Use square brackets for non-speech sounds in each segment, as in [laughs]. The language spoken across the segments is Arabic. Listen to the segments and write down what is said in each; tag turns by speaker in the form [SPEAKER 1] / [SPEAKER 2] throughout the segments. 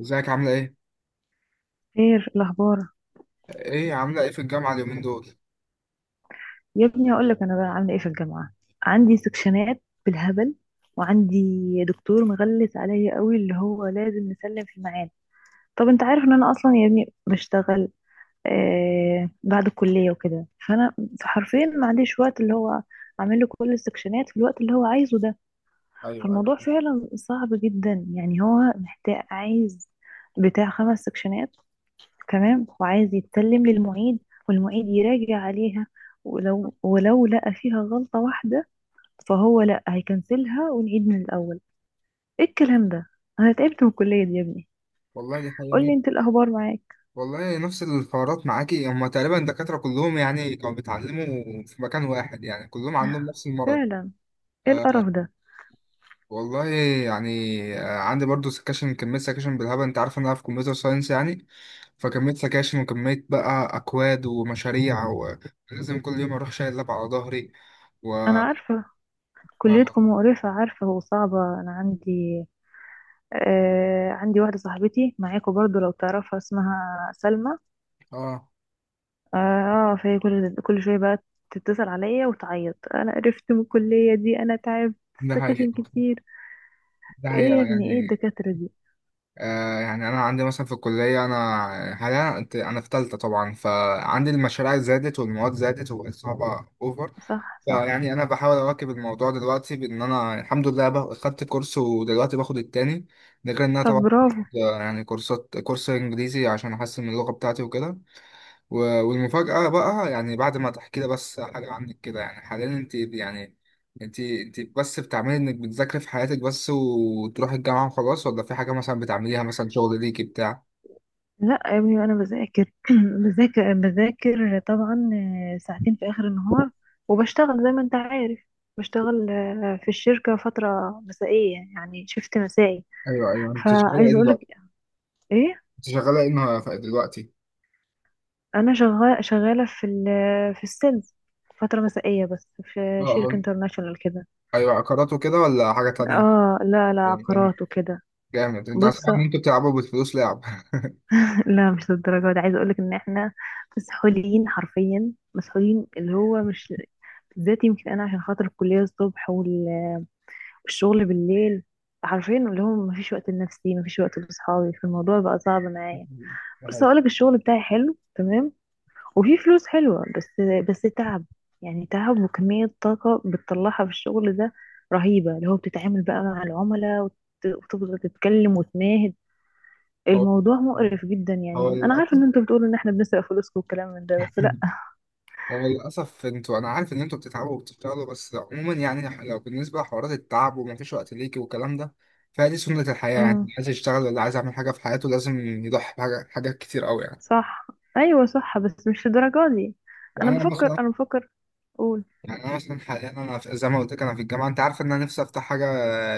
[SPEAKER 1] ازيك عاملة ايه؟
[SPEAKER 2] خير الأخبار.
[SPEAKER 1] ايه عاملة ايه في الجامعة اليومين دول؟
[SPEAKER 2] يا ابني هقول لك أنا بقى عاملة إيه في الجامعة. عندي سكشنات بالهبل، وعندي دكتور مغلس عليا قوي، اللي هو لازم نسلم في الميعاد. طب أنت عارف إن أنا أصلا يا ابني بشتغل بعد الكلية وكده، فأنا حرفيا ما عنديش وقت اللي هو أعمل له كل السكشنات في الوقت اللي هو عايزه ده.
[SPEAKER 1] ايوه، ايوه.
[SPEAKER 2] فالموضوع فعلا صعب جدا، يعني هو محتاج، عايز بتاع 5 سكشنات، تمام، وعايز يتسلم للمعيد والمعيد يراجع عليها، ولو لقى فيها غلطة واحدة فهو لا، هيكنسلها ونعيد من الأول. ايه الكلام ده؟ انا تعبت من الكلية دي يا ابني.
[SPEAKER 1] والله دي حقيقة
[SPEAKER 2] قول لي
[SPEAKER 1] هم.
[SPEAKER 2] انت الاخبار معاك.
[SPEAKER 1] والله نفس الحوارات معاكي هما تقريبا الدكاترة كلهم يعني كانوا بيتعلموا في مكان واحد، يعني كلهم عندهم نفس المرض.
[SPEAKER 2] فعلا. ايه
[SPEAKER 1] آه.
[SPEAKER 2] القرف ده؟
[SPEAKER 1] والله. يعني آه عندي برضو سكاشن، كمية سكاشن بالهبل، انت عارف ان انا في كمبيوتر ساينس يعني. فكمية سكاشن وكمية بقى أكواد ومشاريع، ولازم كل يوم أروح شايل لاب على ظهري. و...
[SPEAKER 2] انا عارفة،
[SPEAKER 1] و...
[SPEAKER 2] كليتكم مقرفة، عارفة، وصعبة. انا عندي. آه، عندي واحدة صاحبتي معاكم برضو، لو تعرفها اسمها سلمى.
[SPEAKER 1] آه
[SPEAKER 2] اه فهي كل كل شويه بقى تتصل عليا وتعيط. انا قرفت من الكليه دي، انا تعبت.
[SPEAKER 1] ده
[SPEAKER 2] سكاشن
[SPEAKER 1] حقيقة.
[SPEAKER 2] كتير.
[SPEAKER 1] ده حقيقة
[SPEAKER 2] ايه يا ابني، ايه
[SPEAKER 1] يعني.
[SPEAKER 2] الدكاتره دي؟
[SPEAKER 1] يعني انا عندي مثلا في الكليه، انا حاليا انا في ثالثه طبعا، فعندي المشاريع زادت والمواد زادت وبقت صعبه اوفر.
[SPEAKER 2] صح صح.
[SPEAKER 1] فيعني انا بحاول اواكب الموضوع دلوقتي، بان انا الحمد لله خدت كورس ودلوقتي باخد التاني. ده غير ان انا
[SPEAKER 2] طب
[SPEAKER 1] طبعا
[SPEAKER 2] برافو.
[SPEAKER 1] يعني كورسات، كورس انجليزي عشان احسن من اللغه بتاعتي وكده. والمفاجأة بقى يعني بعد ما تحكي لي بس حاجة عنك كده، يعني حاليا انت يعني انت بس بتعملي انك بتذاكري في حياتك بس وتروحي الجامعة وخلاص، ولا في حاجة مثلا بتعمليها، مثلا شغل ليكي بتاع؟
[SPEAKER 2] لا يا ابني، انا بذاكر [clears throat] بذاكر طبعا. ساعتين في اخر النهار. وبشتغل زي ما انت عارف، بشتغل في الشركه فتره مسائيه، يعني شفت مسائي.
[SPEAKER 1] ايوه، ايوه. انت شغاله
[SPEAKER 2] فعايزه
[SPEAKER 1] ايه
[SPEAKER 2] اقولك
[SPEAKER 1] دلوقتي؟
[SPEAKER 2] ايه.
[SPEAKER 1] انت شغالة ايه دلوقتي؟
[SPEAKER 2] انا شغاله في السيلز فتره مسائيه، بس في
[SPEAKER 1] اه،
[SPEAKER 2] شركه
[SPEAKER 1] اه.
[SPEAKER 2] انترناشونال كده.
[SPEAKER 1] ايوه، عقارات وكده ولا حاجة تانية؟
[SPEAKER 2] اه، لا لا،
[SPEAKER 1] جامد.
[SPEAKER 2] عقارات وكده.
[SPEAKER 1] جامد. انت
[SPEAKER 2] بص
[SPEAKER 1] اسمع ان انتوا
[SPEAKER 2] [laughs]
[SPEAKER 1] بتلعبوا بالفلوس لعب.
[SPEAKER 2] لا مش للدرجة دي. عايزة اقولك ان احنا مسحولين، حرفيا مسحولين. اللي هو مش، بالذات يمكن انا عشان خاطر الكلية الصبح والشغل بالليل. حرفيا اللي هو مفيش وقت لنفسي، مفيش وقت لاصحابي، فالموضوع بقى صعب معايا.
[SPEAKER 1] [laughs] ده
[SPEAKER 2] بص
[SPEAKER 1] حقيقي.
[SPEAKER 2] اقولك، الشغل بتاعي حلو تمام، وفي فلوس حلوة، بس بس تعب. يعني تعب، وكمية طاقة بتطلعها في الشغل ده رهيبة. اللي هو بتتعامل بقى مع العملاء، وتفضل تتكلم وتناهد.
[SPEAKER 1] هو،
[SPEAKER 2] الموضوع مقرف جدا.
[SPEAKER 1] هو
[SPEAKER 2] يعني انا عارفه
[SPEAKER 1] للأسف.
[SPEAKER 2] ان انتوا بتقولوا ان احنا بنسرق فلوسكم والكلام من ده، بس لا.
[SPEAKER 1] هو للأسف انتوا، أنا عارف إن انتوا بتتعبوا وبتشتغلوا، بس عموما يعني لو بالنسبة لحوارات التعب ومفيش وقت ليكي والكلام ده، فدي سنة الحياة يعني.
[SPEAKER 2] امم.
[SPEAKER 1] اللي عايز يشتغل ولا عايز يعمل حاجة في حياته لازم يضحي حاجات كتير أوي يعني.
[SPEAKER 2] صح، ايوه صح، بس مش الدرجه دي. انا
[SPEAKER 1] يعني أنا
[SPEAKER 2] بفكر
[SPEAKER 1] مثلا.
[SPEAKER 2] انا بفكر قول.
[SPEAKER 1] يعني أنا مثلا حاليا أنا زي ما قلت لك أنا في الجامعة، أنت عارف إن أنا نفسي أفتح حاجة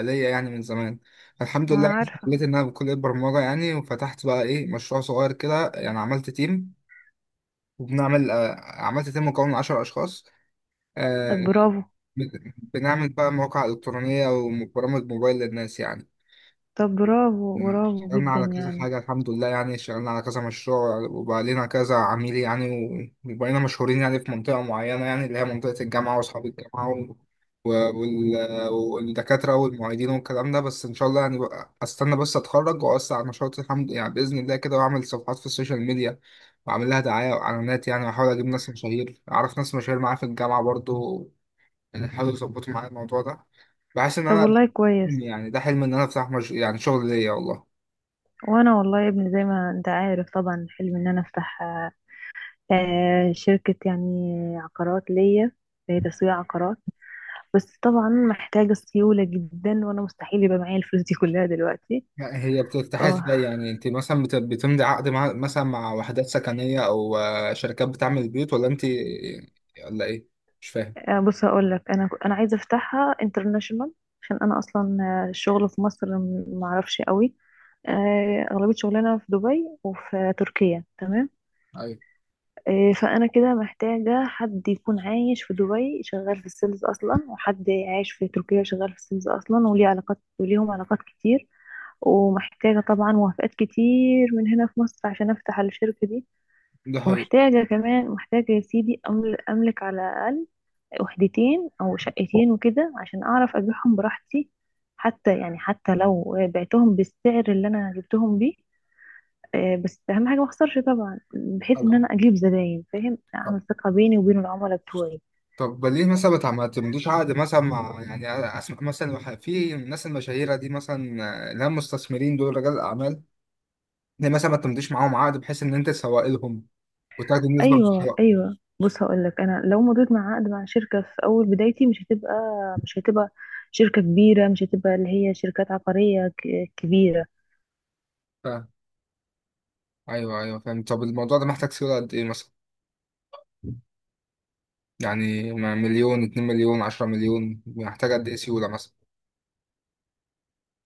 [SPEAKER 1] ليا يعني من زمان. الحمد
[SPEAKER 2] انا
[SPEAKER 1] لله،
[SPEAKER 2] عارفه.
[SPEAKER 1] لقيت إن أنا بكلية برمجة يعني، وفتحت بقى إيه، مشروع صغير كده. يعني عملت تيم مكون من 10 أشخاص. آه،
[SPEAKER 2] طب برافو.
[SPEAKER 1] بنعمل بقى مواقع إلكترونية وبرامج موبايل للناس يعني.
[SPEAKER 2] طب برافو، برافو
[SPEAKER 1] اشتغلنا
[SPEAKER 2] جدا
[SPEAKER 1] على كذا
[SPEAKER 2] يعني.
[SPEAKER 1] حاجة الحمد لله، يعني اشتغلنا على كذا مشروع، وبقى لنا كذا عميل يعني، وبقينا مشهورين يعني في منطقة معينة، يعني اللي هي منطقة الجامعة وأصحاب الجامعة والدكاترة والمعيدين والكلام ده. بس إن شاء الله يعني بقى أستنى بس أتخرج، وأوسع على نشاطي الحمد يعني بإذن الله كده، وأعمل صفحات في السوشيال ميديا وأعمل لها دعاية وإعلانات يعني، وأحاول أجيب ناس مشاهير، أعرف ناس مشاهير معايا في الجامعة برضو يعني، حاولوا يظبطوا معايا الموضوع ده. بحس ان
[SPEAKER 2] طب
[SPEAKER 1] انا
[SPEAKER 2] والله كويس.
[SPEAKER 1] يعني ده حلم ان انا افتح مش... يعني شغل ليا والله.
[SPEAKER 2] وانا والله يا ابني، زي ما انت عارف طبعا، حلمي ان انا افتح شركه يعني، عقارات ليا، هي تسويق عقارات. بس طبعا محتاجه سيوله جدا، وانا مستحيل يبقى معايا الفلوس دي كلها دلوقتي.
[SPEAKER 1] هي بترتاح
[SPEAKER 2] اه،
[SPEAKER 1] ازاي يعني؟ انت مثلا بتمضي عقد مع، مثلا مع وحدات سكنية، او شركات بتعمل بيوت، ولا انت ولا ايه؟ مش فاهم.
[SPEAKER 2] بص هقول لك. انا عايزه افتحها انترناشونال. عشان انا اصلا الشغل في مصر معرفش قوي. اغلبيه شغلنا في دبي وفي تركيا، تمام.
[SPEAKER 1] ايوه.
[SPEAKER 2] فانا كده محتاجه حد يكون عايش في دبي، شغال في السيلز اصلا، وحد عايش في تركيا شغال في السيلز اصلا، وليه علاقات وليهم علاقات كتير. ومحتاجه طبعا موافقات كتير من هنا في مصر عشان افتح الشركه دي.
[SPEAKER 1] ده حقيقي.
[SPEAKER 2] ومحتاجه كمان يا سيدي، املك على الاقل وحدتين او شقتين وكده، عشان اعرف ابيعهم براحتي. حتى يعني حتى لو بعتهم بالسعر اللي انا جبتهم بيه، بس اهم حاجه ما اخسرش طبعا. بحيث ان
[SPEAKER 1] طبعا.
[SPEAKER 2] انا اجيب زباين، فاهم،
[SPEAKER 1] طبعا.
[SPEAKER 2] اعمل ثقه بيني وبين العملاء بتوعي.
[SPEAKER 1] طب ليه مثلا ما تمضيش عقد مثلا مع يعني، اسمع مثلا في الناس المشاهيره دي مثلا، اللي هم مستثمرين، دول رجال الاعمال، ليه مثلا ما تمضيش معاهم عقد بحيث ان انت تسوق لهم وتاخد النسبه في
[SPEAKER 2] ايوه
[SPEAKER 1] الحقوق؟
[SPEAKER 2] ايوه، بص هقول لك، انا لو مضيت مع عقد مع شركه في اول بدايتي، مش هتبقى شركه كبيره، مش هتبقى اللي هي شركات عقاريه كبيره.
[SPEAKER 1] ايوه، ايوه، فاهم. طب الموضوع ده محتاج سيولة قد ايه مثلا؟ يعني مليون، 2 مليون، 10 مليون محتاج قد ايه سيولة مثلا؟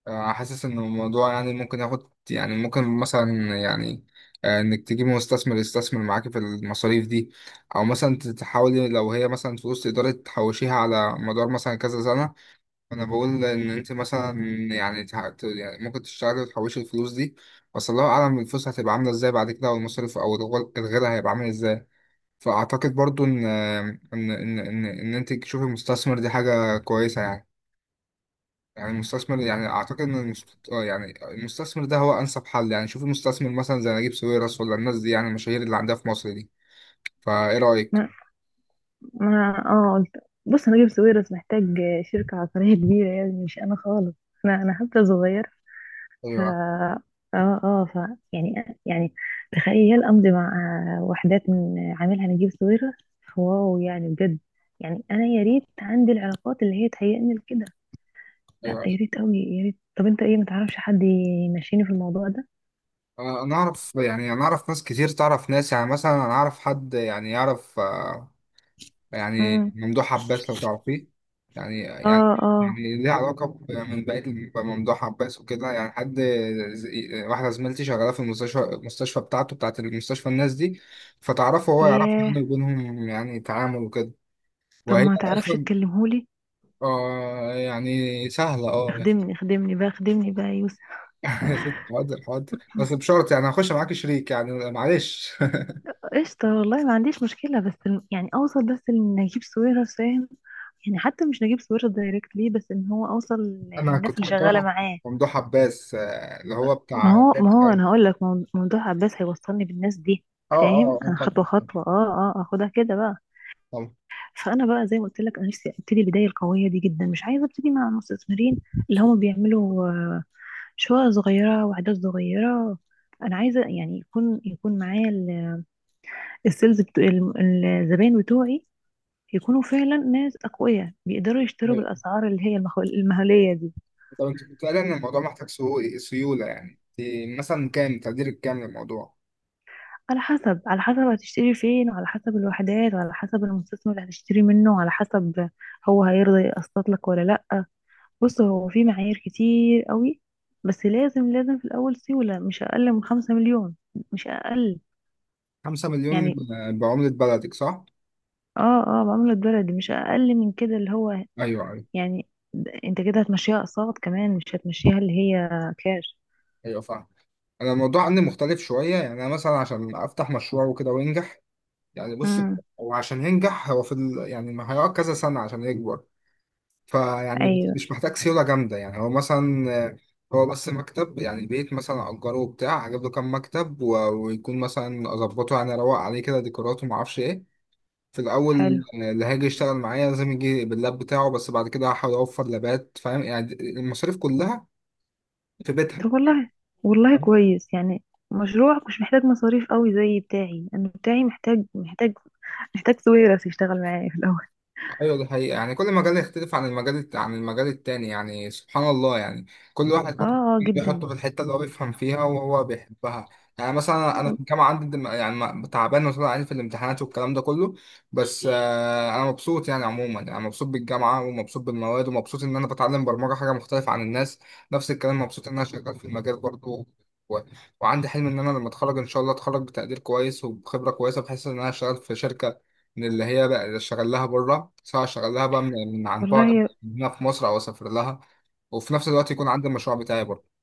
[SPEAKER 1] حاسس ان الموضوع يعني ممكن ياخد، يعني ممكن مثلا يعني انك تجيب مستثمر يستثمر معاكي في المصاريف دي، او مثلا تحاولي لو هي مثلا فلوس تقدري تحوشيها على مدار مثلا كذا سنة. انا بقول ان انت مثلا يعني يعني ممكن تشتغلي وتحوشي الفلوس دي، بس الله اعلم الفلوس هتبقى عاملة ازاي بعد كده، والمصاريف او الغلا هيبقى عامل ازاي. فاعتقد برضو إن انت تشوفي المستثمر دي حاجه كويسه يعني. يعني المستثمر يعني اعتقد ان المست... آه يعني المستثمر ده هو انسب حل. يعني شوفي مستثمر مثلا زي نجيب ساويرس، ولا الناس دي يعني المشاهير اللي عندها في مصر دي. فايه رايك؟
[SPEAKER 2] ما قلت. بص انا جيب سويرس، محتاج شركة عقارية كبيرة يعني، مش انا خالص. انا حتى صغير. ف
[SPEAKER 1] ايوه،
[SPEAKER 2] اه اه ف يعني يعني تخيل امضي مع وحدات من عاملها نجيب سويرس. واو، يعني بجد. يعني انا يا ريت عندي العلاقات اللي هي تهيئني لكده. لا
[SPEAKER 1] ايوه.
[SPEAKER 2] يا ريت قوي، يا ريت. طب انت ايه، ما تعرفش حد يمشيني في الموضوع ده؟
[SPEAKER 1] انا اعرف يعني، انا اعرف ناس كتير تعرف ناس يعني، مثلا انا اعرف حد يعني يعرف يعني
[SPEAKER 2] امم،
[SPEAKER 1] ممدوح عباس لو تعرفيه. يعني يعني،
[SPEAKER 2] اه اه،
[SPEAKER 1] يعني ليه علاقة ممدوح عباس وكده يعني. حد واحدة زميلتي شغالة في المستشفى، بتاعته، بتاعت المستشفى الناس دي، فتعرفه وهو يعرفها
[SPEAKER 2] ياه.
[SPEAKER 1] يعني، وبينهم يعني تعامل وكده.
[SPEAKER 2] طب
[SPEAKER 1] وهي
[SPEAKER 2] ما تعرفش
[SPEAKER 1] أصلا
[SPEAKER 2] تكلمهولي؟
[SPEAKER 1] آه يعني سهلة، اه يعني.
[SPEAKER 2] اخدمني اخدمني بقى، اخدمني بقى يا يوسف.
[SPEAKER 1] [laughs] حاضر، حاضر، بس بشرط يعني هخش معاك شريك يعني، معلش.
[SPEAKER 2] قشطة، والله ما عنديش مشكلة. بس يعني أوصل بس لنجيب ساويرس، فاهم؟ يعني حتى مش نجيب ساويرس دايركتلي، بس إن هو أوصل
[SPEAKER 1] [laughs] أنا
[SPEAKER 2] للناس
[SPEAKER 1] كنت
[SPEAKER 2] اللي شغالة
[SPEAKER 1] بكره
[SPEAKER 2] معاه.
[SPEAKER 1] ممدوح عباس، اللي هو
[SPEAKER 2] ما
[SPEAKER 1] بتاع،
[SPEAKER 2] هو ما هو
[SPEAKER 1] اه،
[SPEAKER 2] أنا هقول لك، موضوع عباس هيوصلني بالناس دي،
[SPEAKER 1] اه.
[SPEAKER 2] فاهم؟ أنا خطوة
[SPEAKER 1] طبعا.
[SPEAKER 2] خطوة أه أه أخدها كده بقى.
[SPEAKER 1] طبعا.
[SPEAKER 2] فأنا بقى زي ما قلت لك، أنا نفسي أبتدي البداية القوية دي جدا، مش عايزة أبتدي مع مستثمرين اللي هم بيعملوا شقق صغيرة وأعداد صغيرة. أنا عايزة يعني يكون معايا السيلز الزباين بتوعي، يكونوا فعلا ناس أقوياء بيقدروا يشتروا
[SPEAKER 1] طبعا.
[SPEAKER 2] بالأسعار اللي هي المهولية دي.
[SPEAKER 1] طب انت كنت قايل ان الموضوع محتاج سيوله، يعني دي مثلا كام تقدير، الكام للموضوع؟
[SPEAKER 2] على حسب، هتشتري فين، وعلى حسب الوحدات، وعلى حسب المستثمر اللي هتشتري منه، وعلى حسب هو هيرضى يقسط لك ولا لأ. بص، هو في معايير كتير قوي، بس لازم لازم في الأول سيولة مش أقل من 5 مليون. مش أقل.
[SPEAKER 1] 5 مليون؟
[SPEAKER 2] يعني،
[SPEAKER 1] بعمله بلدك صح؟
[SPEAKER 2] اه اه، بعملة بلدي مش أقل من كده. اللي هو
[SPEAKER 1] ايوه، ايوه.
[SPEAKER 2] يعني انت كده هتمشيها أقساط كمان، مش هتمشيها اللي هي كاش.
[SPEAKER 1] ايوه فاهم. انا الموضوع عندي مختلف شويه، يعني انا مثلا عشان افتح مشروع وكده وينجح، يعني بص،
[SPEAKER 2] امم،
[SPEAKER 1] هو عشان ينجح هو يعني ما هيقعد كذا سنه عشان يكبر. فيعني
[SPEAKER 2] ايوه،
[SPEAKER 1] مش محتاج سيوله جامده، يعني هو مثلا هو بس مكتب، يعني بيت مثلا اجره، وبتاع اجيب له كام مكتب، ويكون مثلا اظبطه يعني اروق عليه كده، ديكوراته ما اعرفش ايه، في الأول.
[SPEAKER 2] حلو.
[SPEAKER 1] اللي هيجي يشتغل معايا لازم يجي باللاب بتاعه، بس بعد كده هحاول أوفر لابات، فاهم، يعني المصاريف كلها في بيتها.
[SPEAKER 2] طب والله، والله كويس يعني. مشروعك مش محتاج مصاريف قوي زي بتاعي، انا بتاعي محتاج سويرس يشتغل معايا في الاول [laughs]
[SPEAKER 1] ايوه دي حقيقة، يعني كل مجال يختلف عن عن المجال التاني يعني، سبحان الله يعني. كل واحد
[SPEAKER 2] اه
[SPEAKER 1] برضه
[SPEAKER 2] اه، جدا.
[SPEAKER 1] بيحطه في الحتة اللي هو بيفهم فيها وهو بيحبها. يعني مثلا انا في الجامعة عندي تعبان وطلع عيني في الامتحانات والكلام ده كله، بس انا مبسوط يعني عموما، يعني مبسوط بالجامعة، ومبسوط بالمواد، ومبسوط ان انا بتعلم برمجة حاجة مختلفة عن الناس. نفس الكلام، مبسوط ان انا شغال في المجال برضه. و- وعندي حلم ان انا لما اتخرج ان شاء الله، اتخرج بتقدير كويس وبخبره كويسه بحيث ان انا اشتغل في شركه، من اللي هي بقى اللي اشتغل لها بره، سواء اشتغل لها بقى من، من عن بعد
[SPEAKER 2] والله
[SPEAKER 1] من هنا في مصر، او اسافر لها. وفي نفس الوقت يكون عندي المشروع بتاعي برضه.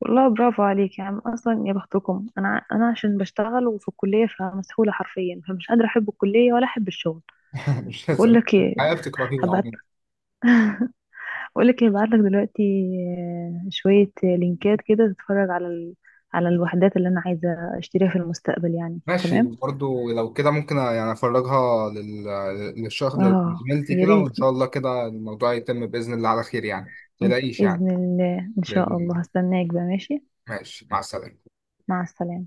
[SPEAKER 2] والله برافو عليك يا عم اصلا، يا بختكم. انا انا عشان بشتغل وفي الكليه، فمسحوله حرفيا، فمش قادره احب الكليه ولا احب الشغل.
[SPEAKER 1] [laughs] مش
[SPEAKER 2] بقول
[SPEAKER 1] لازم.
[SPEAKER 2] لك ايه
[SPEAKER 1] الحياة بتكرهني
[SPEAKER 2] هبعت
[SPEAKER 1] عموما.
[SPEAKER 2] بقول لك ايه، هبعت لك دلوقتي شويه لينكات كده تتفرج على على الوحدات اللي انا عايزه اشتريها في المستقبل يعني،
[SPEAKER 1] ماشي،
[SPEAKER 2] تمام.
[SPEAKER 1] برضه لو كده ممكن يعني للشغل
[SPEAKER 2] اه،
[SPEAKER 1] لزميلتي
[SPEAKER 2] يا
[SPEAKER 1] كده،
[SPEAKER 2] ريت.
[SPEAKER 1] وان شاء الله كده الموضوع يتم باذن الله على خير يعني. ما تقلقيش يعني.
[SPEAKER 2] بإذن الله إن
[SPEAKER 1] باذن
[SPEAKER 2] شاء الله.
[SPEAKER 1] الله.
[SPEAKER 2] هستناك بقى، ماشي،
[SPEAKER 1] ماشي، مع السلامه.
[SPEAKER 2] مع السلامة.